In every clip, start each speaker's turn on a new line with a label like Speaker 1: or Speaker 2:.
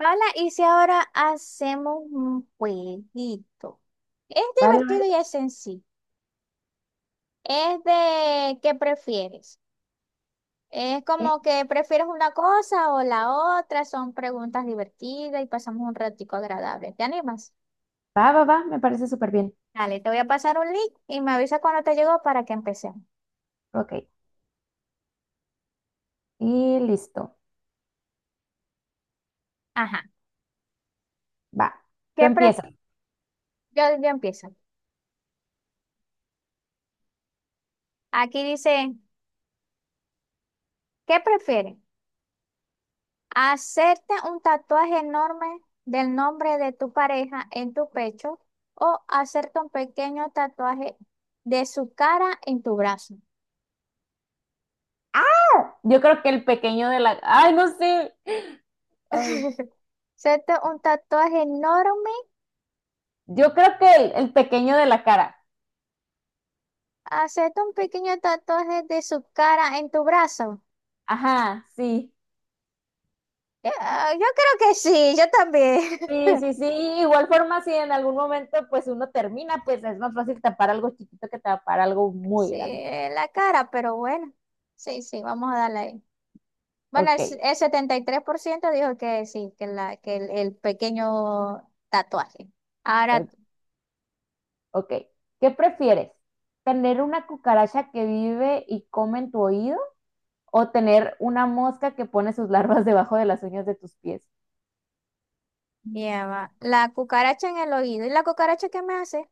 Speaker 1: Hola, y si ahora hacemos un jueguito. Es
Speaker 2: Vale, vale.
Speaker 1: divertido y es sencillo. Es de qué prefieres. Es
Speaker 2: Sí.
Speaker 1: como que prefieres una cosa o la otra. Son preguntas divertidas y pasamos un ratico agradable. ¿Te animas?
Speaker 2: Va, va, va, me parece súper bien.
Speaker 1: Dale, te voy a pasar un link y me avisa cuando te llegó para que empecemos.
Speaker 2: Ok, y listo.
Speaker 1: Ajá.
Speaker 2: Va, tú
Speaker 1: ¿Qué pref-
Speaker 2: empiezas.
Speaker 1: yo empiezo. Aquí dice, ¿qué prefieres? Hacerte un tatuaje enorme del nombre de tu pareja en tu pecho o hacerte un pequeño tatuaje de su cara en tu brazo.
Speaker 2: Ah, yo creo que el pequeño de la, ay, no sé. Ay.
Speaker 1: Hacerte un tatuaje enorme,
Speaker 2: Yo creo que el pequeño de la cara.
Speaker 1: hacerte un pequeño tatuaje de su cara en tu brazo.
Speaker 2: Ajá, sí.
Speaker 1: Yo creo que sí, yo también.
Speaker 2: Sí, sí, sí. Igual forma, si en algún momento pues uno termina, pues es más fácil tapar algo chiquito que tapar algo muy
Speaker 1: Sí,
Speaker 2: grande.
Speaker 1: en la cara, pero bueno. Sí, sí, vamos a darle ahí. Bueno, el,
Speaker 2: Ok,
Speaker 1: el 73% dijo que sí, que el pequeño tatuaje. Ahora
Speaker 2: o- ok. ¿Qué prefieres, tener una cucaracha que vive y come en tu oído o tener una mosca que pone sus larvas debajo de las uñas de tus pies?
Speaker 1: lleva la cucaracha en el oído. ¿Y la cucaracha qué me hace?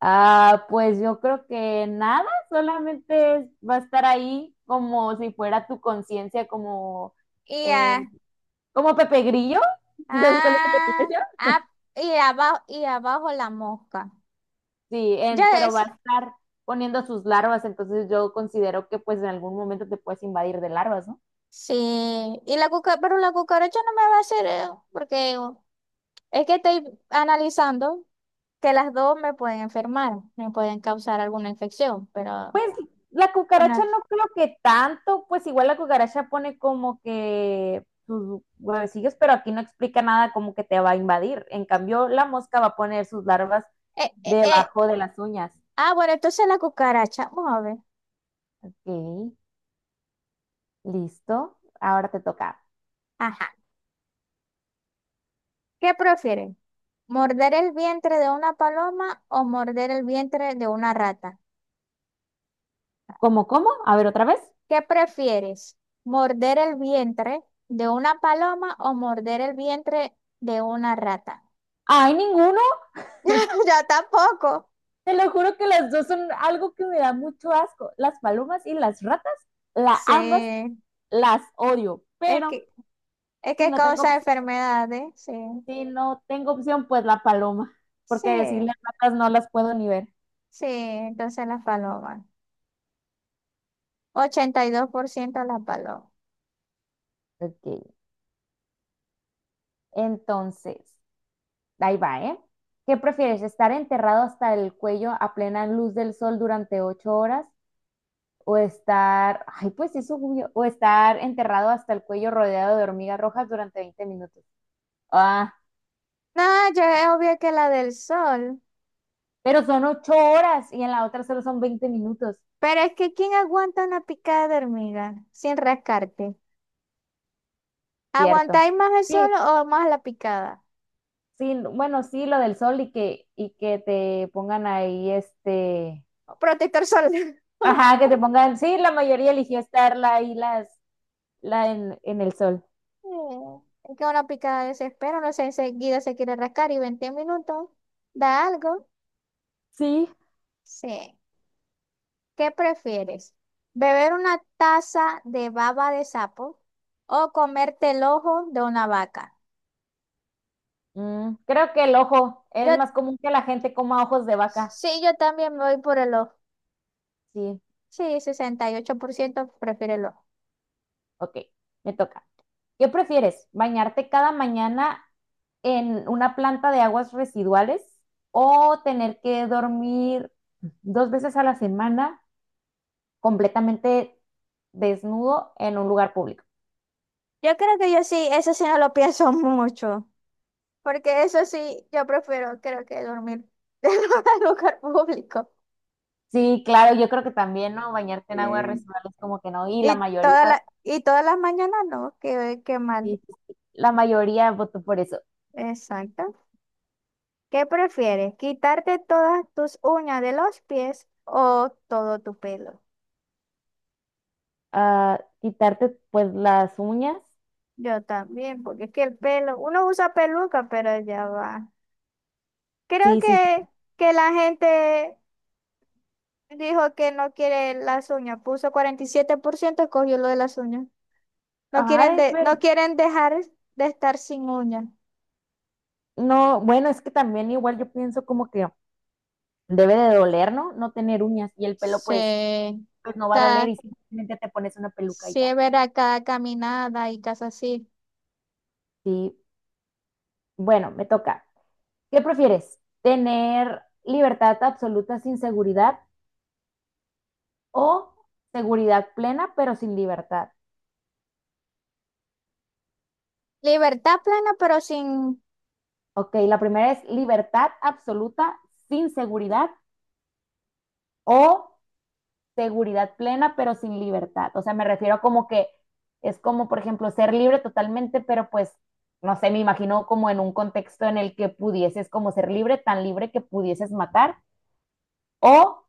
Speaker 2: Ah, pues yo creo que nada, solamente va a estar ahí como si fuera tu conciencia, como,
Speaker 1: Y,
Speaker 2: eh,
Speaker 1: ah,
Speaker 2: como Pepe Grillo. ¿Sí sabes cuál es Pepe
Speaker 1: ah,
Speaker 2: Grillo?
Speaker 1: ah, y abajo la mosca.
Speaker 2: Sí,
Speaker 1: Ya
Speaker 2: pero va a
Speaker 1: es.
Speaker 2: estar poniendo sus larvas, entonces yo considero que pues en algún momento te puedes invadir de larvas, ¿no?
Speaker 1: Sí. Y la cuca- pero la cucaracha no me va a hacer, porque es que estoy analizando que las dos me pueden enfermar, me pueden causar alguna infección, pero
Speaker 2: Pues la cucaracha
Speaker 1: bueno.
Speaker 2: no creo que tanto, pues igual la cucaracha pone como que sus huevecillos, pero aquí no explica nada como que te va a invadir. En cambio, la mosca va a poner sus larvas
Speaker 1: Eh, eh, eh,
Speaker 2: debajo de las uñas.
Speaker 1: Ah, bueno, entonces la cucaracha. Vamos a ver.
Speaker 2: Ok, listo. Ahora te toca.
Speaker 1: Ajá. ¿Qué prefieren? ¿Morder el vientre de una paloma o morder el vientre de una rata?
Speaker 2: ¿Cómo, cómo? A ver, otra vez.
Speaker 1: ¿Qué prefieres? ¿Morder el vientre de una paloma o morder el vientre de una rata?
Speaker 2: ¡Ay, ninguno!
Speaker 1: Yo tampoco.
Speaker 2: Te lo juro que las dos son algo que me da mucho asco. Las palomas y las ratas, ambas
Speaker 1: Sí.
Speaker 2: las odio.
Speaker 1: Es
Speaker 2: Pero
Speaker 1: que, es
Speaker 2: si
Speaker 1: que
Speaker 2: no
Speaker 1: causa
Speaker 2: tengo
Speaker 1: enfermedades. Sí.
Speaker 2: Si no tengo opción, pues la paloma, porque
Speaker 1: Sí.
Speaker 2: decirle ratas no las puedo ni ver.
Speaker 1: Sí. Entonces las palomas. 82% las palomas.
Speaker 2: Ok, entonces, ahí va, ¿eh? ¿Qué prefieres, estar enterrado hasta el cuello a plena luz del sol durante 8 horas o estar, ay, pues eso, obvio, o estar enterrado hasta el cuello rodeado de hormigas rojas durante 20 minutos? Ah,
Speaker 1: No, yo es obvio que la del sol.
Speaker 2: pero son 8 horas y en la otra solo son 20 minutos,
Speaker 1: Pero es que, ¿quién aguanta una picada de hormiga sin rascarte?
Speaker 2: ¿cierto?
Speaker 1: ¿Aguantáis más el sol
Speaker 2: Sí,
Speaker 1: o más la picada?
Speaker 2: sí, bueno, sí, lo del sol y que te pongan ahí, este.
Speaker 1: Protector solar.
Speaker 2: Ajá, que te pongan, sí, la mayoría eligió estarla ahí en el sol.
Speaker 1: Mm, Es que una picada desespera, no sé, enseguida se quiere rascar y 20 minutos da algo.
Speaker 2: Sí.
Speaker 1: Sí. ¿Qué prefieres? ¿Beber una taza de baba de sapo o comerte el ojo de una vaca?
Speaker 2: Creo que el ojo
Speaker 1: Yo,
Speaker 2: es más común que la gente coma ojos de vaca.
Speaker 1: sí, yo también me voy por el ojo.
Speaker 2: Sí,
Speaker 1: Sí, 68% prefiere el ojo.
Speaker 2: ok, me toca. ¿Qué prefieres? ¿Bañarte cada mañana en una planta de aguas residuales o tener que dormir 2 veces a la semana completamente desnudo en un lugar público?
Speaker 1: Yo creo que yo sí, eso sí no lo pienso mucho, porque eso sí, yo prefiero, creo que dormir en un lugar público.
Speaker 2: Sí, claro, yo creo que también, ¿no? Bañarte en aguas
Speaker 1: Sí.
Speaker 2: residuales como que no, y la mayoría.
Speaker 1: Y todas las mañanas no, qué, qué mal.
Speaker 2: Sí, sí, sí. La mayoría votó por eso.
Speaker 1: Exacto. ¿Qué prefieres? ¿Quitarte todas tus uñas de los pies o todo tu pelo?
Speaker 2: Ah, quitarte pues las uñas.
Speaker 1: Yo también, porque es que el pelo, uno usa peluca, pero ya va. Creo
Speaker 2: Sí, sí, sí.
Speaker 1: que la gente dijo que no quiere las uñas, puso 47% escogió lo de las uñas. No quieren,
Speaker 2: Ay,
Speaker 1: de,
Speaker 2: pero
Speaker 1: no quieren dejar de estar sin uñas.
Speaker 2: no, bueno, es que también igual yo pienso como que debe de doler, ¿no? No tener uñas, y el pelo
Speaker 1: Sí,
Speaker 2: pues no va a doler
Speaker 1: cada,
Speaker 2: y simplemente te pones una peluca y
Speaker 1: sí
Speaker 2: ya.
Speaker 1: es verdad, cada caminada y cosas así.
Speaker 2: Sí, bueno, me toca. ¿Qué prefieres? ¿Tener libertad absoluta sin seguridad o seguridad plena pero sin libertad?
Speaker 1: Libertad plena, pero sin...
Speaker 2: Ok, la primera es libertad absoluta sin seguridad o seguridad plena, pero sin libertad. O sea, me refiero como que es como, por ejemplo, ser libre totalmente, pero pues, no sé, me imagino como en un contexto en el que pudieses como ser libre, tan libre que pudieses matar o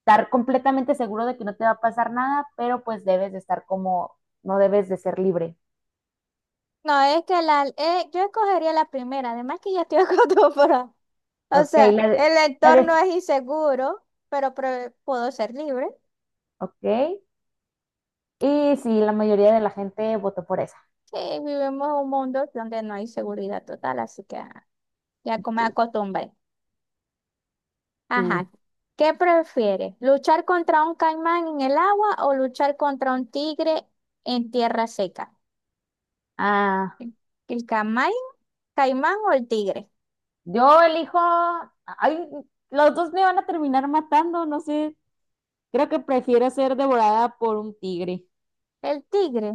Speaker 2: estar completamente seguro de que no te va a pasar nada, pero pues debes de estar como, no debes de ser libre.
Speaker 1: No, es que la, yo escogería la primera, además que ya estoy acostumbrada. O
Speaker 2: Ok,
Speaker 1: sea, el
Speaker 2: la
Speaker 1: entorno
Speaker 2: de-
Speaker 1: es inseguro, pero pre- puedo ser libre.
Speaker 2: ok. Y sí, la mayoría de la gente votó por esa.
Speaker 1: Sí, vivimos un mundo donde no hay seguridad total, así que ya como me
Speaker 2: Ok,
Speaker 1: acostumbré.
Speaker 2: sí.
Speaker 1: Ajá. ¿Qué prefieres? ¿Luchar contra un caimán en el agua o luchar contra un tigre en tierra seca?
Speaker 2: Ah.
Speaker 1: ¿El caimán o el tigre?
Speaker 2: Yo elijo, ay, los dos me van a terminar matando, no sé. Creo que prefiero ser devorada por un tigre.
Speaker 1: El tigre.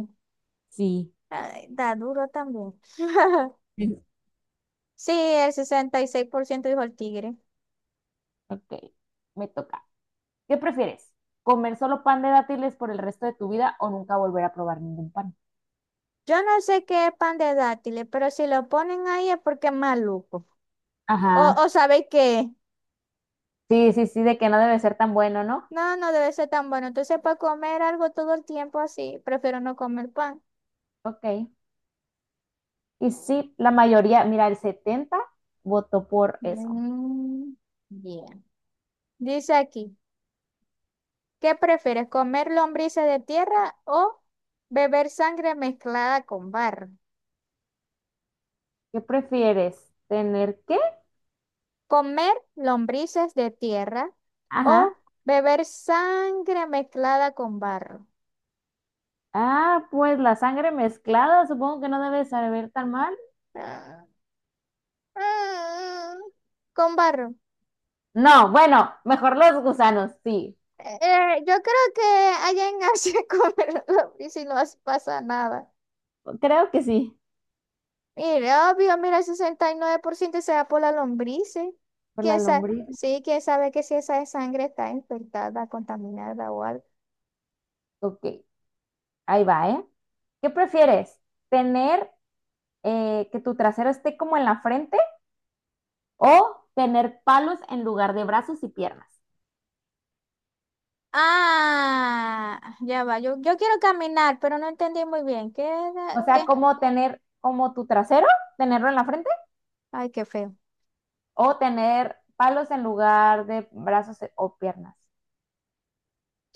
Speaker 2: Sí,
Speaker 1: Ay, da duro también.
Speaker 2: sí,
Speaker 1: Sí, el 66% dijo el tigre.
Speaker 2: ok, me toca. ¿Qué prefieres? ¿Comer solo pan de dátiles por el resto de tu vida o nunca volver a probar ningún pan?
Speaker 1: Yo no sé qué es pan de dátiles, pero si lo ponen ahí es porque es maluco.
Speaker 2: Ajá.
Speaker 1: O sabéis qué.
Speaker 2: Sí, sí, sí, de que no debe ser tan bueno, ¿no?
Speaker 1: No, no debe ser tan bueno. Entonces, para comer algo todo el tiempo así, prefiero no comer pan.
Speaker 2: Ok. Y sí, la mayoría, mira, el 70 votó por eso.
Speaker 1: Mm, yeah. Dice aquí, ¿qué prefieres, comer lombrices de tierra o beber sangre mezclada con barro?
Speaker 2: ¿Qué prefieres? ¿Tener qué?
Speaker 1: Comer lombrices de tierra
Speaker 2: Ajá.
Speaker 1: o beber sangre mezclada con barro.
Speaker 2: Ah, pues la sangre mezclada, supongo que no debe saber tan mal.
Speaker 1: Ah, ah, Con barro.
Speaker 2: No, bueno, mejor los gusanos, sí.
Speaker 1: Yo creo que allá en Asia comer lombrices y no pasa nada.
Speaker 2: Creo que sí.
Speaker 1: Mira, obvio, mira, el 69% se da por las lombrices.
Speaker 2: Por la
Speaker 1: ¿Quién sabe?
Speaker 2: lombriz.
Speaker 1: Sí, quién sabe que si esa sangre está infectada, contaminada o algo.
Speaker 2: Ok, ahí va, ¿eh? ¿Qué prefieres? ¿Tener, que tu trasero esté como en la frente o tener palos en lugar de brazos y piernas?
Speaker 1: Ah, ya va. Yo quiero caminar, pero no entendí muy bien.
Speaker 2: O sea,
Speaker 1: Quédate.
Speaker 2: como tener como tu trasero, tenerlo en la frente
Speaker 1: Ay, qué feo.
Speaker 2: o tener palos en lugar de brazos o piernas.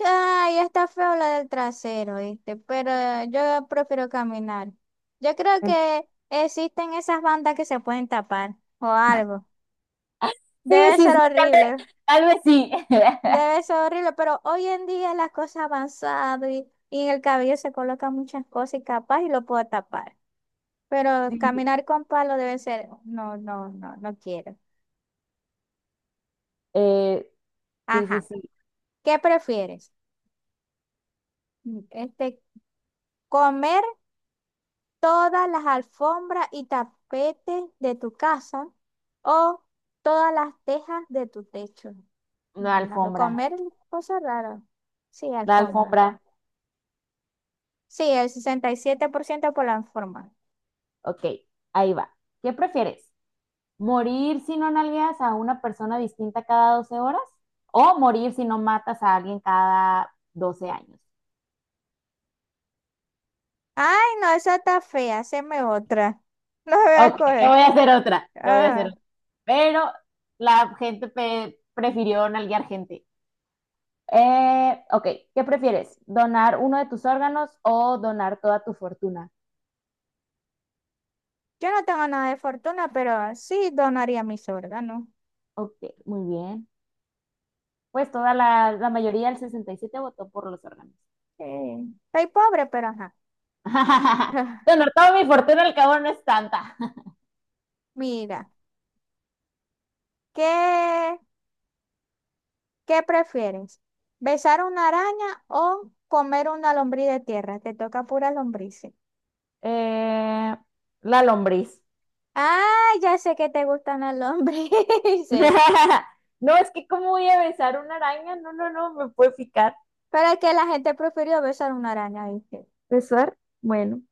Speaker 1: Ay, está feo la del trasero, ¿viste? Pero yo prefiero caminar. Yo creo que existen esas bandas que se pueden tapar o algo.
Speaker 2: Sí,
Speaker 1: Debe
Speaker 2: sí,
Speaker 1: ser
Speaker 2: sí,
Speaker 1: horrible.
Speaker 2: tal vez sí.
Speaker 1: Debe ser horrible, pero hoy en día las cosas han avanzado y en el cabello se colocan muchas cosas y capaz y lo puedo tapar. Pero
Speaker 2: Sí.
Speaker 1: caminar con palo debe ser, no, no, no, no quiero.
Speaker 2: Eh, sí, sí,
Speaker 1: Ajá.
Speaker 2: sí,
Speaker 1: ¿Qué prefieres? Mm, Este, comer todas las alfombras y tapetes de tu casa o todas las tejas de tu techo.
Speaker 2: una
Speaker 1: Hablando,
Speaker 2: alfombra.
Speaker 1: comer cosas raras. Sí,
Speaker 2: La
Speaker 1: alfombra.
Speaker 2: alfombra,
Speaker 1: Sí, el 67% por la alfombra.
Speaker 2: ok, ahí va. ¿Qué prefieres? ¿Morir si no nalgueas a una persona distinta cada 12 horas, o morir si no matas a alguien cada 12 años?
Speaker 1: Ay, no, esa está fea, haceme otra. No voy a
Speaker 2: Ok, te
Speaker 1: coger.
Speaker 2: voy a hacer otra, te voy a hacer
Speaker 1: Ah,
Speaker 2: otra. Pero la gente prefirió nalguear gente. Ok, ¿qué prefieres? ¿Donar uno de tus órganos o donar toda tu fortuna?
Speaker 1: yo no tengo nada de fortuna, pero sí donaría mis órganos.
Speaker 2: Ok, muy bien. Pues toda la mayoría, el 67 votó por los órganos.
Speaker 1: Eh, Soy pobre, pero ajá.
Speaker 2: Bueno, toda mi fortuna al cabo no es tanta.
Speaker 1: Mira, ¿qué, qué prefieres? ¿Besar una araña o comer una lombriz de tierra? Te toca pura lombrices.
Speaker 2: Eh, la lombriz.
Speaker 1: Ah, ya sé que te gustan las lombrices.
Speaker 2: No, es que cómo voy a besar una araña, no, no, no, me puede picar.
Speaker 1: Pero es que la gente prefirió besar una araña, ¿viste?
Speaker 2: ¿Besar? Bueno,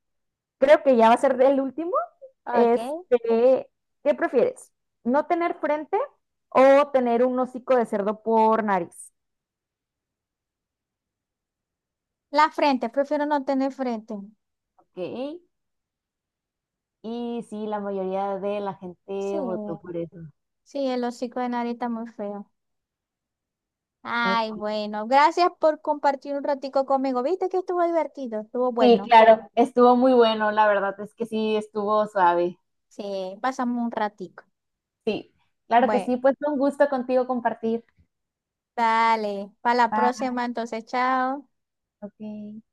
Speaker 2: creo que ya va a ser el último.
Speaker 1: Ok.
Speaker 2: Este, ¿Qué prefieres? ¿No tener frente o tener un hocico de cerdo por nariz?
Speaker 1: La frente, prefiero no tener frente.
Speaker 2: Ok, y sí, la mayoría de la
Speaker 1: Sí.
Speaker 2: gente votó por eso.
Speaker 1: Sí, el hocico de nariz está muy feo. Ay,
Speaker 2: Ok.
Speaker 1: bueno, gracias por compartir un ratico conmigo. ¿Viste que estuvo divertido? Estuvo
Speaker 2: Sí,
Speaker 1: bueno.
Speaker 2: claro, estuvo muy bueno, la verdad es que sí, estuvo suave.
Speaker 1: Sí, pasamos un ratico.
Speaker 2: Sí, claro que
Speaker 1: Bueno,
Speaker 2: sí, pues fue un gusto contigo compartir.
Speaker 1: dale, para la
Speaker 2: Bye,
Speaker 1: próxima entonces, chao.
Speaker 2: ok.